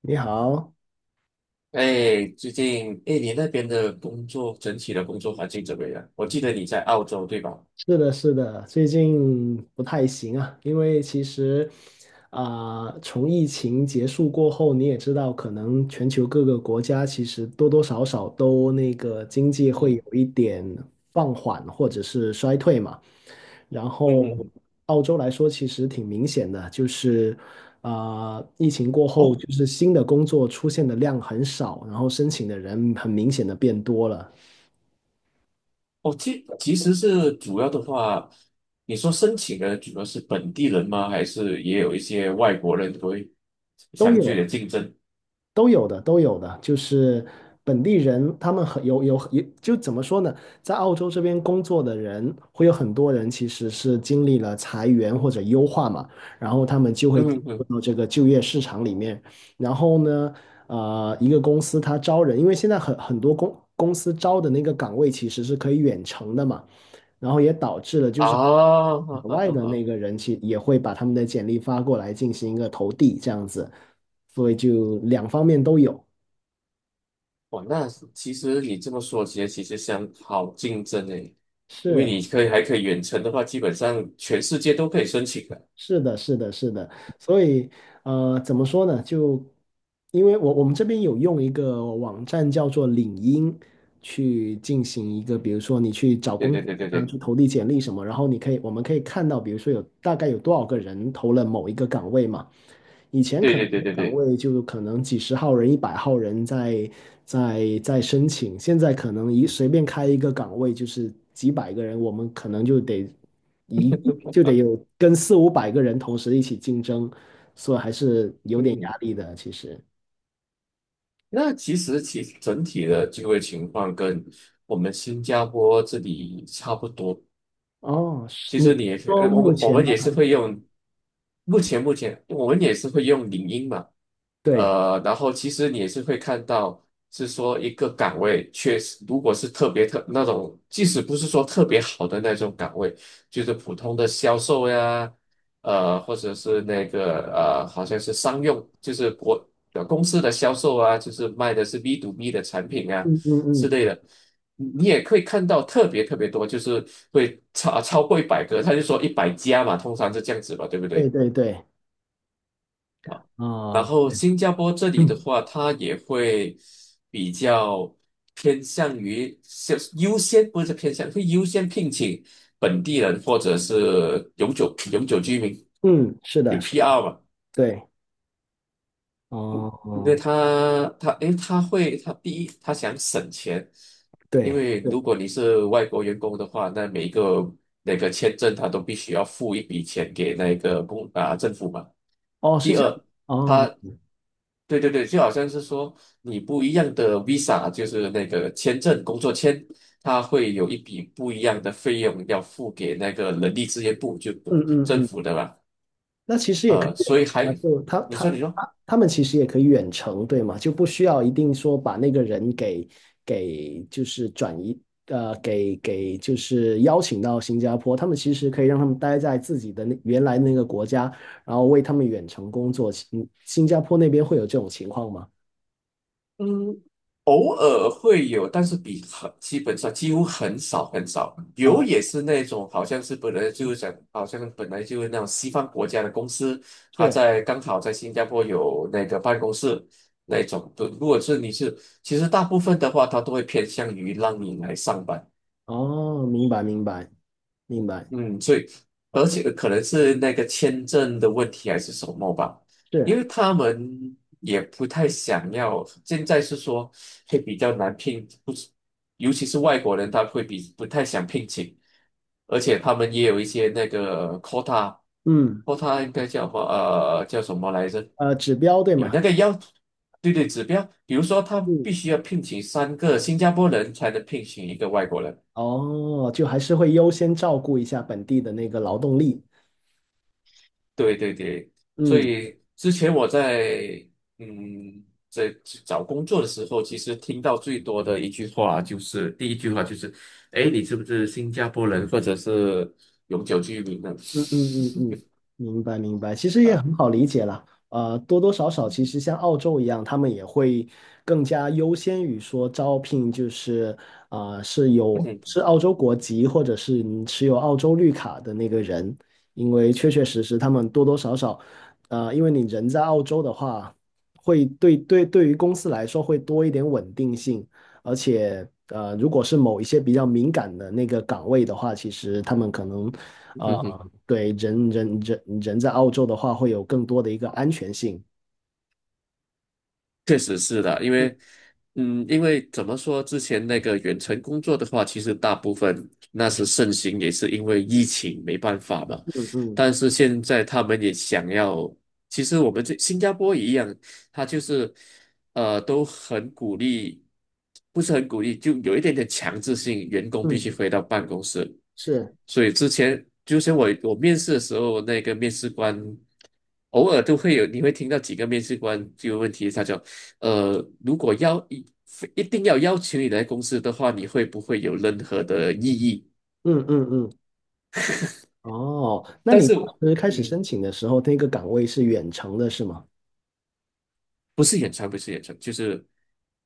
你好，哎，最近，哎，你那边的工作，整体的工作环境怎么样？我记得你在澳洲，对吧？是的，是的，最近不太行啊。因为其实从疫情结束过后，你也知道，可能全球各个国家其实多多少少都那个经济会有嗯一点放缓或者是衰退嘛。然嗯后嗯。澳洲来说，其实挺明显的，就是疫情过后，哦就是新的工作出现的量很少，然后申请的人很明显的变多了。哦，其实是主要的话，你说申请的主要是本地人吗？还是也有一些外国人会都相对有。的竞争？都有的，都有的，就是本地人，他们很有，就怎么说呢，在澳洲这边工作的人，会有很多人其实是经历了裁员或者优化嘛，然后他们就会嗯进嗯入嗯。到这个就业市场里面。然后呢，一个公司它招人，因为现在很多公司招的那个岗位其实是可以远程的嘛，然后也导致了就啊，是好海好外好的好。那个人去也会把他们的简历发过来进行一个投递这样子，所以就两方面都有。哇，那其实你这么说其实相好竞争诶，因为你可是以还可以远程的话，基本上全世界都可以申请的。是的，是的，是的。所以怎么说呢？就因为我们这边有用一个网站叫做领英去进行一个，比如说你去找对工对作对啊，对去投递简历什么，然后你可以我们可以看到，比如说有大概有多少个人投了某一个岗位嘛。以前对可能对对对对岗对。位就可能几十号人、100号人在申请，现在可能一随便开一个岗位就是几百个人，我们可能一就得有跟四五百个人同时一起竞争，所以还是有点嗯，压力的。其实，那其实其整体的就业情况跟我们新加坡这里差不多，哦，是，其你实你是也可以，说我目们我前们吗？也是会用，目前我们也是会用领英嘛，对，呃，然后其实你也是会看到，是说一个岗位确实，如果是特别特那种，即使不是说特别好的那种岗位，就是普通的销售呀，呃，或者是那个呃，好像是商用，就是国呃公司的销售啊，就是卖的是 B to B 的产品啊嗯嗯之嗯，类的。你也可以看到特别特别多，就是会超过一百个，他就说一百家嘛，通常是这样子吧，对不对对？对对，然后对，新加坡这里的嗯话，他也会比较偏向于先优先，不是偏向，会优先聘请本地人或者是永久居民，嗯，是有 的，是的，PR 嘛。对，哦对哦，他，他诶，他会，他第一，他想省钱，因对为对，如果你是外国员工的话，那每一个那个签证他都必须要付一笔钱给那个公啊、政府嘛。哦，是第这样，二，哦，他，对对对，就好像是说你不一样的 visa，就是那个签证工作签，他会有一笔不一样的费用要付给那个人力资源部，就嗯嗯政嗯。府的嘛。那其实也可以呃，所以还，啊，就他你说他你说。他他们其实也可以远程，对吗？就不需要一定说把那个人给就是转移，给就是邀请到新加坡，他们其实可以让他们待在自己的那原来那个国家，然后为他们远程工作。新加坡那边会有这种情况吗？嗯。偶尔会有，但是比很基本上几乎很少很少。有啊，也是那种好像是本来就是讲，好像本来就是那种西方国家的公司，他是，在刚好在新加坡有那个办公室那种。如果是你是，其实大部分的话，他都会偏向于让你来上班。哦，明白明白明白，嗯，所以而且可能是那个签证的问题还是什么吧，因是，为他们也不太想要。现在是说会比较难聘，不是，尤其是外国人，他会比不太想聘请，而且他们也有一些那个 嗯，quota，quota 应该叫什么？呃，叫什么来着？指标对有吗？那个要，对对，指标，比如说他必嗯，须要聘请三个新加坡人才能聘请一个外国人。哦，就还是会优先照顾一下本地的那个劳动力。对对对，所嗯以之前我在嗯在找工作的时候，其实听到最多的一句话就是第一句话就是，哎，你是不是新加坡人或者是永久居民呢？嗯嗯嗯嗯，明白明白，其实也啊，很好理解啦。多多少少，其实像澳洲一样，他们也会更加优先于说招聘，就是是有嗯 是澳洲国籍或者是你持有澳洲绿卡的那个人，因为确确实实他们多多少少，因为你人在澳洲的话，会对于公司来说会多一点稳定性，而且如果是某一些比较敏感的那个岗位的话，其实他们可能 对人在澳洲的话，会有更多的一个安全性。确实是的，因为，嗯，因为怎么说，之前那个远程工作的话，其实大部分那时盛行，也是因为疫情没办法嘛。嗯嗯但是现在他们也想要，其实我们这新加坡一样，他就是，呃，都很鼓励，不是很鼓励，就有一点点强制性，员工必嗯，须回到办公室。是，所以之前，就像我面试的时候，那个面试官偶尔都会有，你会听到几个面试官这个问题，他就。呃，如果要一定要邀请你来公司的话，你会不会有任何的异议？嗯嗯嗯。哦，那但你是，当时开始嗯，申请的时候，那个岗位是远程的，是吗？不是演唱，不是演唱，就是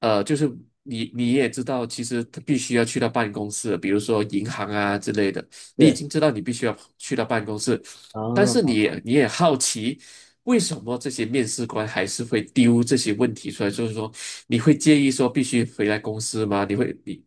呃，就是你也知道，其实他必须要去到办公室，比如说银行啊之类的，你已是经知道你必须要去到办公室，但啊，是你也好奇。为什么这些面试官还是会丢这些问题出来？就是说，你会介意说必须回来公司吗？你会你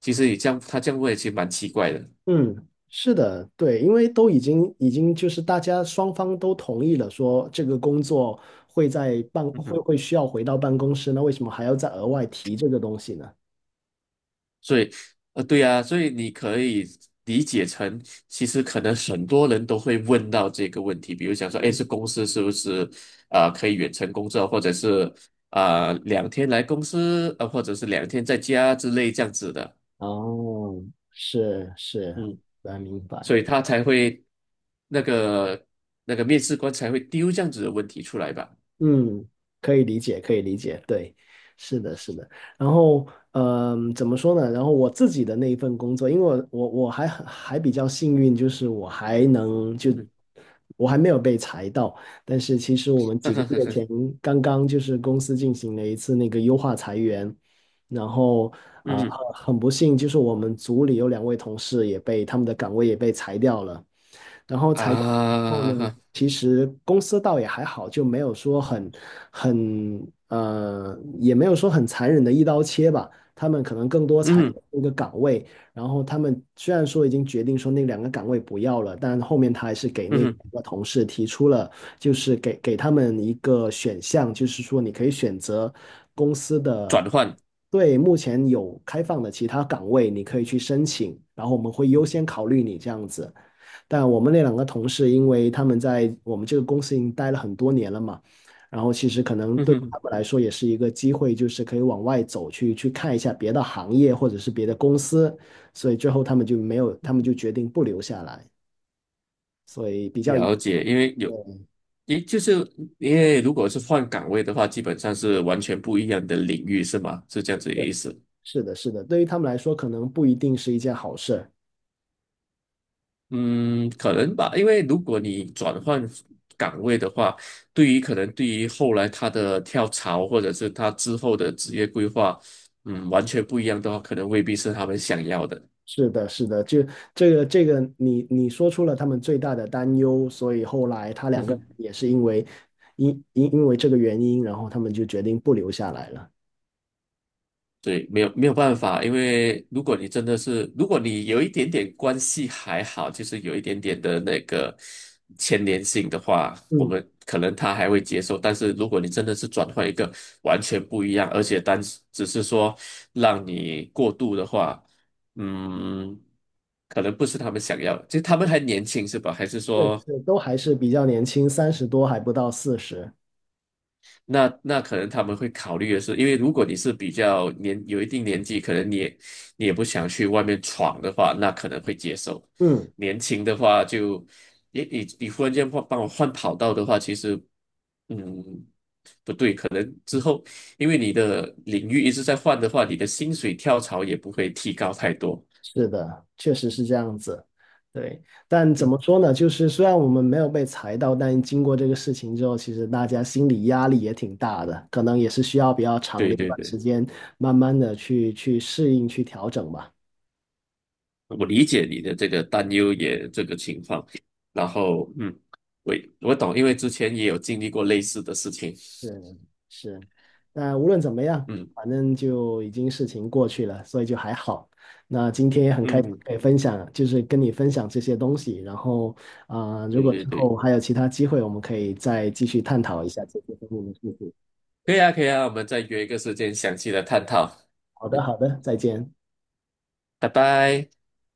其实你这样他这样问，其实蛮奇怪的。嗯，是的，对，因为都已经就是大家双方都同意了，说这个工作会在办会嗯会需要回到办公室，那为什么还要再额外提这个东西呢？所以，呃，对啊，所以你可以理解成，其实可能很多人都会问到这个问题，比如想说，哎，这公司是不是啊、呃可以远程工作，或者是啊、呃两天来公司，呃，或者是两天在家之类这样子的，哦，是是，嗯，来明所白。以他才会那个那个面试官才会丢这样子的问题出来吧，嗯，可以理解，可以理解，对，是的，是的。然后，嗯，怎么说呢？然后我自己的那一份工作，因为我还比较幸运，就是嗯 我还没有被裁到。但是其实我们几个月 前刚刚就是公司进行了一次那个优化裁员，然后啊，呃嗯很不幸，就是我们组里有两位同事也被，他们的岗位也被裁掉了。然后裁掉以后呢，啊，其实公司倒也还好，就没有说很很呃，也没有说很残忍的一刀切吧。他们可能更多裁掉嗯一个岗位，然后他们虽然说已经决定说那两个岗位不要了，但后面他还是给那嗯，个同事提出了，就是给他们一个选项，就是说你可以选择公司转的换。对目前有开放的其他岗位，你可以去申请，然后我们会优先考虑你这样子。但我们那两个同事，因为他们在我们这个公司已经待了很多年了嘛，然后其实可能嗯对他哼，们来说也是一个机会，就是可以往外走去，去看一下别的行业或者是别的公司，所以最后他们就没有，他们就决定不留下来，所以比较遗了憾。解，因为有对，也就是因为如果是换岗位的话，基本上是完全不一样的领域，是吗？是这样子的意思。是的，是的，对于他们来说，可能不一定是一件好事。嗯，可能吧，因为如果你转换岗位的话，对于可能对于后来他的跳槽或者是他之后的职业规划，嗯，完全不一样的话，可能未必是他们想要的。是的，是的，就这个你说出了他们最大的担忧，所以后来他两个人 也是因为这个原因，然后他们就决定不留下来了。对，没有没有办法，因为如果你真的是，如果你有一点点关系还好，就是有一点点的那个牵连性的话，我嗯，们可能他还会接受。但是如果你真的是转换一个完全不一样，而且单只是说让你过度的话，嗯，可能不是他们想要的。其实他们还年轻是吧？还是是说是，都还是比较年轻，30多还不到40。那那可能他们会考虑的是，因为如果你是比较年有一定年纪，可能你也不想去外面闯的话，那可能会接受。嗯，年轻的话就，你忽然间换帮我换跑道的话，其实嗯不对，可能之后因为你的领域一直在换的话，你的薪水跳槽也不会提高太多。是的，确实是这样子。对，但怎嗯，么说呢？就是虽然我们没有被裁到，但经过这个事情之后，其实大家心理压力也挺大的，可能也是需要比较长的对一对段时对。间，慢慢的去适应、去调整吧。我理解你的这个担忧也这个情况，然后嗯，我我懂，因为之前也有经历过类似的事情，是是，那无论怎么样，嗯反正就已经事情过去了，所以就还好。那今天也很开心嗯，可以分享，就是跟你分享这些东西。然后如对果对之对，后还有其他机会，我们可以再继续探讨一下这些方面的事情。可以啊可以啊，我们再约一个时间详细的探讨，好的，嗯，好的，再见。拜拜。